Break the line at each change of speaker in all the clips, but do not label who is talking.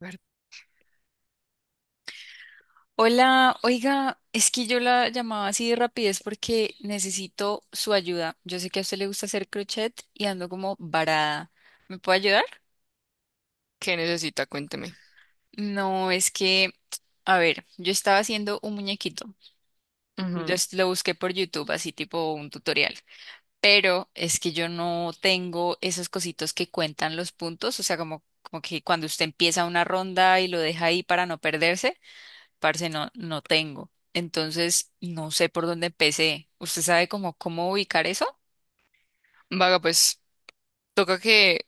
A ver,
Hola, oiga, es que yo la llamaba así de rapidez porque necesito su ayuda. Yo sé que a usted le gusta hacer crochet y ando como varada. ¿Me puede ayudar?
¿qué necesita? Cuénteme.
No, es que, a ver, yo estaba haciendo un muñequito.
Ujú.
Lo busqué por YouTube, así tipo un tutorial. Pero es que yo no tengo esos cositos que cuentan los puntos, o sea, como que cuando usted empieza una ronda y lo deja ahí para no perderse. Parce, no tengo. Entonces, no sé por dónde empecé. ¿Usted sabe cómo ubicar eso?
Vaga, pues toca que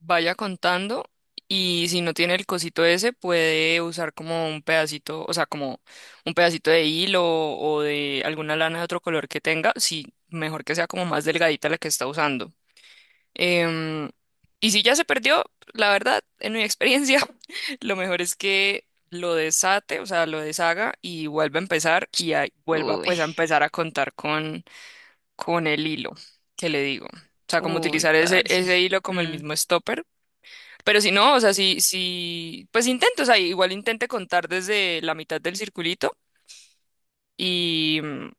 vaya contando y si no tiene el cosito ese, puede usar como un pedacito, o sea, como un pedacito de hilo o de alguna lana de otro color que tenga, si mejor que sea como más delgadita la que está usando. Em, y si ya se perdió, la verdad, en mi experiencia, lo mejor es que lo desate, o sea, lo deshaga y vuelva a empezar y ahí vuelva
Uy,
pues a empezar a contar con el hilo que le digo. O sea, como
uy,
utilizar ese,
parce.
ese hilo como el
Mm,
mismo stopper. Pero si no, o sea, si, si, pues intento, o sea, igual intente contar desde la mitad del circulito y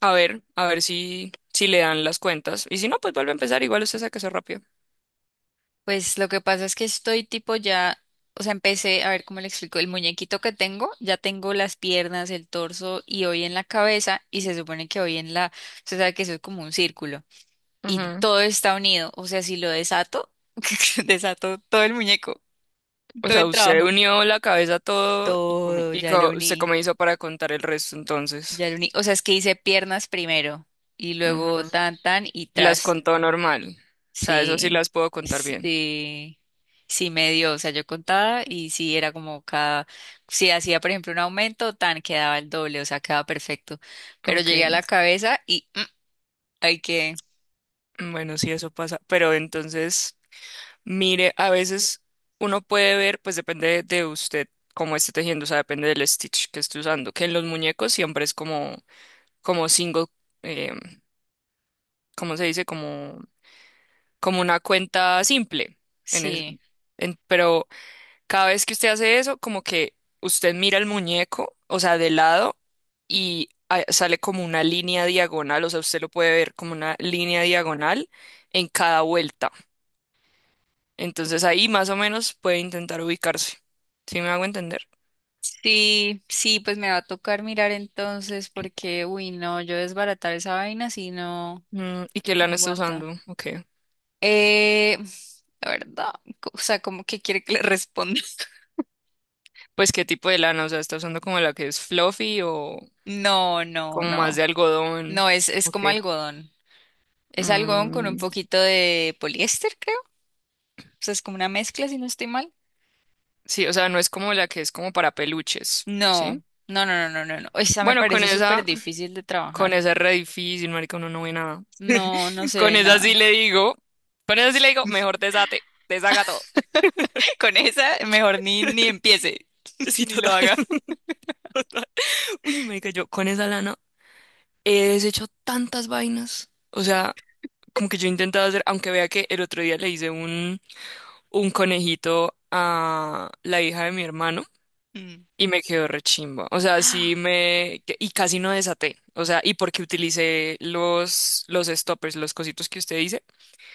a ver si, si le dan las cuentas. Y si no, pues vuelve a empezar, igual usted saca eso rápido.
Pues lo que pasa es que estoy tipo ya, o sea, empecé, a ver cómo le explico, el muñequito que tengo, ya tengo las piernas, el torso y hoy en la cabeza y se supone que hoy en la, usted sabe que eso es como un círculo y
Ujú.
todo está unido, o sea, si lo desato, desato todo el muñeco,
O
todo
sea,
el
usted
trabajo,
unió la cabeza a todo y, cómo-
todo,
y
ya lo
co- usted
uní.
cómo hizo para contar el resto entonces.
O sea, es que hice piernas primero y luego
Ujú.
tan, tan y
Y las
tras.
contó normal. O sea, eso sí
Sí,
las puedo contar bien.
sí, sí me dio, o sea, yo contaba y sí era si hacía por ejemplo un aumento, tan quedaba el doble, o sea, quedaba perfecto. Pero llegué a la
Ok.
cabeza y hay que,
Bueno, sí, eso pasa, pero entonces, mire, a veces uno puede ver, pues depende de usted cómo esté tejiendo, o sea, depende del stitch que esté usando, que en los muñecos siempre es como, como single, eh, ¿cómo se dice? Como, como una cuenta simple, en es-
sí,
pero cada vez que usted hace eso, como que usted mira el muñeco, o sea, de lado, y ah, sale como una línea diagonal, o sea, usted lo puede ver como una línea diagonal en cada vuelta. Entonces ahí más o menos puede intentar ubicarse. ¿Sí me hago entender?
sí, sí, pues me va a tocar mirar entonces porque, uy, no, yo desbaratar esa vaina si no,
Mm, ¿y qué
no
lana está
aguanta.
usando? Ok.
Eh, la verdad, o sea, como que quiere que le responda.
Pues qué tipo de lana, o sea, está usando como la que es fluffy o
No, no,
como más
no.
de algodón.
No, es
Ok.
como algodón. Es algodón con un
Mm,
poquito de poliéster, creo. O sea, es como una mezcla, si no estoy mal.
sí, o sea, no es como la que es como para peluches,
No,
¿sí?
no, no, no, no, no, no. Esa me
Bueno,
parece súper difícil de
con
trabajar.
esa es re difícil, marica, uno no ve nada.
No, no se
Con
ve
esa sí
nada.
le digo, con esa sí le digo, mejor desate, deshaga todo.
Con esa, mejor ni empiece,
Sí,
ni lo
total,
haga.
total. Uy, marica, yo con esa lana. He deshecho tantas vainas. O sea, como que yo he intentado hacer, aunque vea que el otro día le hice un conejito a la hija de mi hermano
Mm.
y me quedó rechimba. O sea, sí
Ah,
me... que- Y casi no desaté. O sea, y porque utilicé los stoppers, los cositos que usted dice,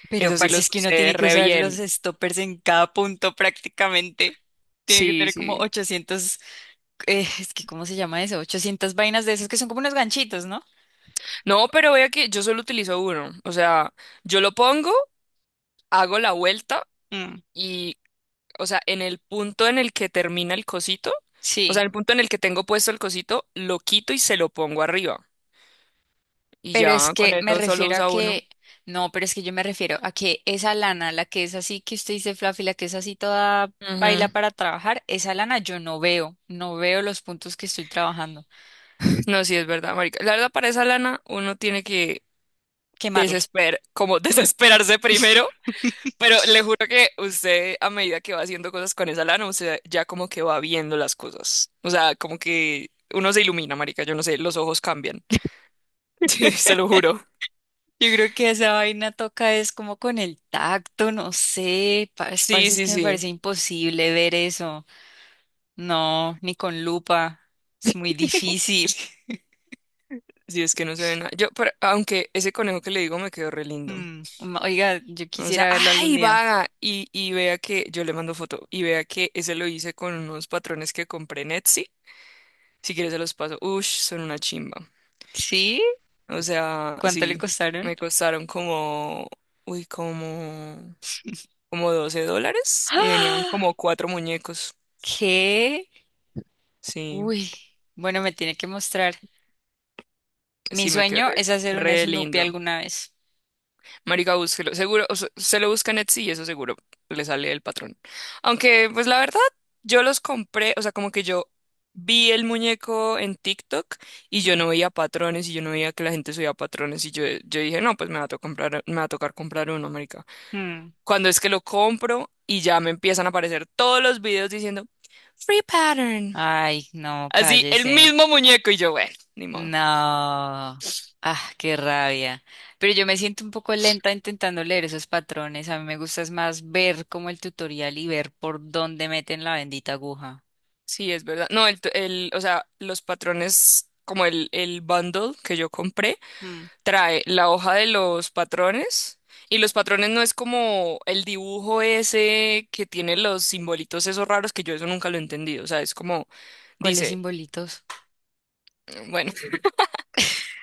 pero
eso sí
parce,
los
es que uno
usé
tiene que
re
usar los
bien.
stoppers en cada punto prácticamente. Tiene que
Sí,
tener como
sí.
800, es que ¿cómo se llama eso? 800 vainas de esas que son como unos ganchitos, ¿no?
No, pero vea que yo solo utilizo uno. O sea, yo lo pongo, hago la vuelta
Mm,
y o sea, en el punto en el que termina el cosito, o sea,
sí.
en el punto en el que tengo puesto el cosito, lo quito y se lo pongo arriba. Y
Pero es
ya con
que me
eso solo
refiero a
usa uno.
que, no, Pero es que yo me refiero a que esa lana, la que es así que usted dice fluffy, la que es así toda paila
Ujú.
para trabajar, esa lana yo no veo, no veo los puntos que estoy trabajando.
No, sí es verdad, marica. La verdad, para esa lana uno tiene que
Quemarla.
desesper, como desesperarse primero, pero le juro que usted a medida que va haciendo cosas con esa lana, usted ya como que va viendo las cosas. O sea, como que uno se ilumina, marica, yo no sé, los ojos cambian. Sí, se lo juro.
Yo creo que esa vaina toca es como con el tacto, no sé, pa- es-
Sí,
parece es
sí,
que me
sí.
parece imposible ver eso. No, ni con lupa, es muy difícil.
Si es que no se ve nada. Yo, pero- aunque ese conejo que le digo me quedó re lindo.
Mm, oiga, yo
O sea,
quisiera verlo algún
¡ay,
día.
vaga! Y vea que yo le mando foto y vea que ese lo hice con unos patrones que compré en Etsy. Si quieres se los paso. Ush, son una chimba.
¿Sí?
O sea,
¿Cuánto le
sí,
costaron?
me costaron como, uy, como, como 12 dólares y venían como cuatro muñecos.
¿Qué?
Sí,
Uy, bueno, me tiene que mostrar. Mi
sí, me quedó
sueño
re,
es hacer un
re
Snoopy
lindo.
alguna vez.
Marica, búsquelo. Seguro, o sea, se lo busca en Etsy y eso seguro le sale el patrón. Aunque, pues la verdad, yo los compré, o sea, como que yo vi el muñeco en TikTok y yo
Hmm,
no veía patrones y yo no veía que la gente subía patrones y yo dije, no, pues me va a to- comprar, me va a tocar comprar uno, marica.
hmm.
Cuando es que lo compro y ya me empiezan a aparecer todos los videos diciendo, free pattern.
Ay, no,
Así, el
cállese.
mismo muñeco y yo, bueno, ni modo.
No. Ah, qué rabia. Pero yo me siento un poco lenta intentando leer esos patrones. A mí me gusta es más ver como el tutorial y ver por dónde meten la bendita aguja.
Sí, es verdad. No, o sea, los patrones, como el bundle que yo compré,
Hmm,
trae la hoja de los patrones y los patrones no es como el dibujo ese que tiene los simbolitos esos raros que yo eso nunca lo he entendido. O sea, es como,
¿cuáles
dice,
simbolitos?
bueno,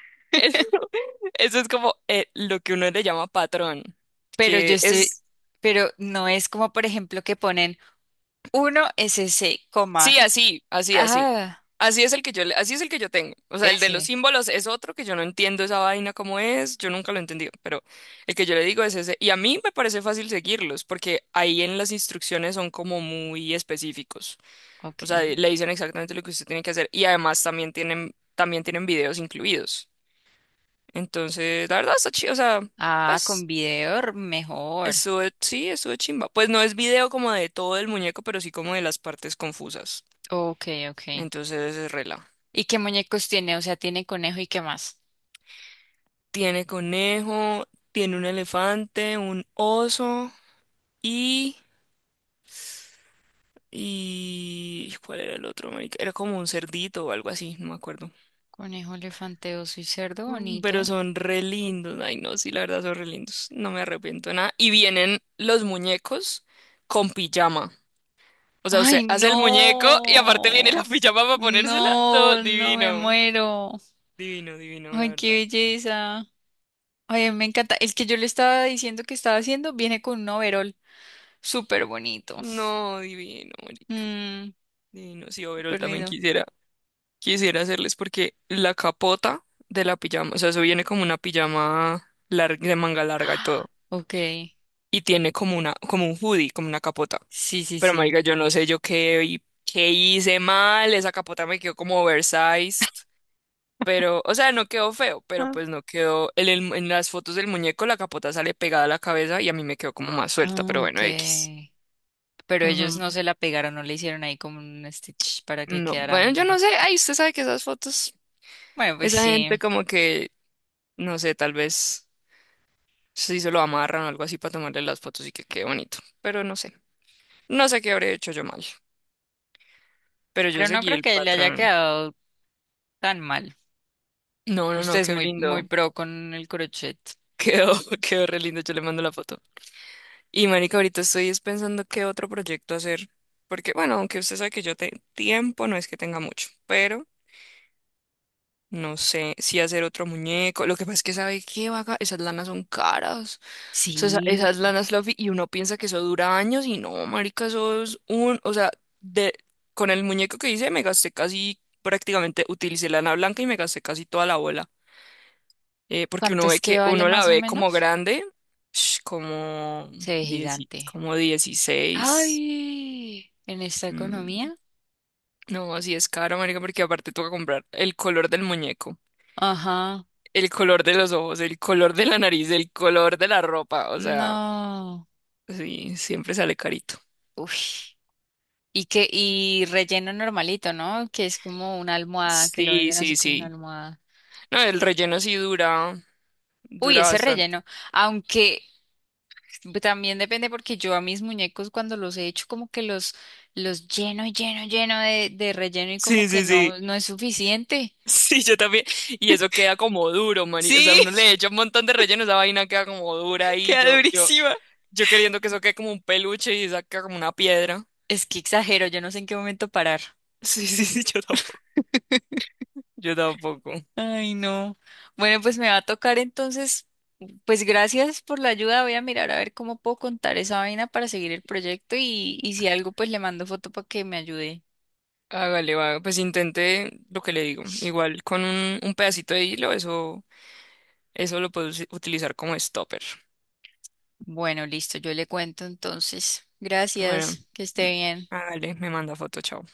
eso, eso es como lo que uno le llama patrón,
Pero yo
que
estoy,
es
pero no es como por ejemplo que ponen uno s SC,
Sí,
coma,
así, así, así.
ah,
Así es el que yo, le- así es el que yo tengo. O sea, el de los
S.
símbolos es otro que yo no entiendo esa vaina cómo es, yo nunca lo he entendido, pero el que yo le digo es ese. Y a mí me parece fácil seguirlos, porque ahí en las instrucciones son como muy específicos. O
Ok.
sea, le dicen exactamente lo que usted tiene que hacer y además también tienen videos incluidos. Entonces, la verdad está chido, o sea,
Ah, con
pues
video r- mejor.
eso sí, eso es chimba. Pues no es video como de todo el muñeco, pero sí como de las partes confusas.
Ok, ok.
Entonces, es rela.
¿Y qué muñecos tiene? O sea, tiene conejo y qué más.
Tiene conejo, tiene un elefante, un oso y... y ¿cuál era el otro, marica? Era como un cerdito o algo así, no me acuerdo.
Conejo, elefante, oso y cerdo
Mm, pero
bonito.
son re lindos. Ay, no, sí, la verdad son re lindos. No me arrepiento de nada. Y vienen los muñecos con pijama. O sea, usted
Ay,
hace el muñeco y aparte viene
no.
la pijama para ponérsela. No,
No, no me
divino.
muero.
Divino, divino, la
Ay, qué
verdad.
belleza. Ay, me encanta. El que yo le estaba diciendo que estaba haciendo viene con un overol. Súper bonito.
No, divino, marica.
Mm,
Divino. Sí, overol
súper
también
lindo.
quisiera. Quisiera hacerles porque la capota de la pijama, o sea, eso viene como una pijama larga, de manga larga y
Ah,
todo,
ok.
y tiene como una, como un hoodie, como una capota.
Sí, sí,
Pero
sí.
marica, yo no sé yo qué, hi- qué hice mal, esa capota me quedó como oversized, pero, o sea, no quedó feo, pero
Ah,
pues no quedó, en, el- en las fotos del muñeco la capota sale pegada a la cabeza y a mí me quedó como más suelta, pero
ah, ok,
bueno, X.
pero ellos
Ujú.
no se la pegaron, no le hicieron ahí como un stitch para que
No,
quedara.
bueno, yo no sé, ay, usted sabe que esas fotos,
Bueno, pues
esa
sí,
gente como que, no sé, tal vez... Sí, se lo amarran o algo así para tomarle las fotos y que quede bonito. Pero no sé. No sé qué habré hecho yo mal. Pero yo
pero no
seguí
creo
el
que le haya
patrón.
quedado tan mal.
No, no,
Usted
no,
es
quedó
muy, muy
lindo.
pro con el crochet.
Quedó, quedó re lindo. Yo le mando la foto. Y marica, ahorita estoy es pensando qué otro proyecto hacer. Porque, bueno, aunque usted sabe que yo te- tiempo no es que tenga mucho. Pero no sé si hacer otro muñeco. Lo que pasa es que sabe qué vaga. Esas lanas son caras. Sea, esa,
Sí,
esa es lana fluffy y uno piensa que eso dura años y no, marica, eso es un, o sea, de, con el muñeco que hice me gasté casi, prácticamente utilicé lana blanca y me gasté casi toda la bola. Porque
¿cuánto
uno
es
ve
que
que,
vale
uno la
más o
ve como
menos?
grande, sh, como,
Se ve
dieci-
gigante.
como 16,
Ay, en esta
mm,
economía.
no, así es caro, marica, porque aparte toca comprar el color del muñeco,
Ajá,
el color de los ojos, el color de la nariz, el color de la ropa, o sea,
no.
sí, siempre sale carito.
Uy. ¿Y que, y relleno normalito, no? Que es como una almohada, que lo
Sí,
venden así
sí,
como una
sí.
almohada.
No, el relleno sí dura,
Uy,
dura
ese
bastante.
relleno. Aunque pues también depende porque yo a mis muñecos cuando los he hecho como que los lleno, lleno, lleno de relleno y como
Sí,
que
sí, sí.
no, no es suficiente.
Sí, yo también. Y eso queda como duro, mani. O sea,
Sí,
uno le echa un montón de relleno, esa vaina queda como dura ahí.
queda durísima.
Yo queriendo que eso quede como un peluche y saca como una piedra.
Es que exagero, yo no sé en qué momento parar.
Sí, sí, sí, yo tampoco. Yo tampoco.
Ay, no. Bueno, pues me va a tocar entonces, pues gracias por la ayuda. Voy a mirar a ver cómo puedo contar esa vaina para seguir el proyecto y si algo, pues le mando foto para que me ayude.
Hágale, va. Pues intente lo que le digo. Igual con un pedacito de hilo, eso lo puedes utilizar como stopper.
Bueno, listo, yo le cuento entonces.
Bueno,
Gracias, que
mm,
esté bien.
hágale, me manda foto, chao.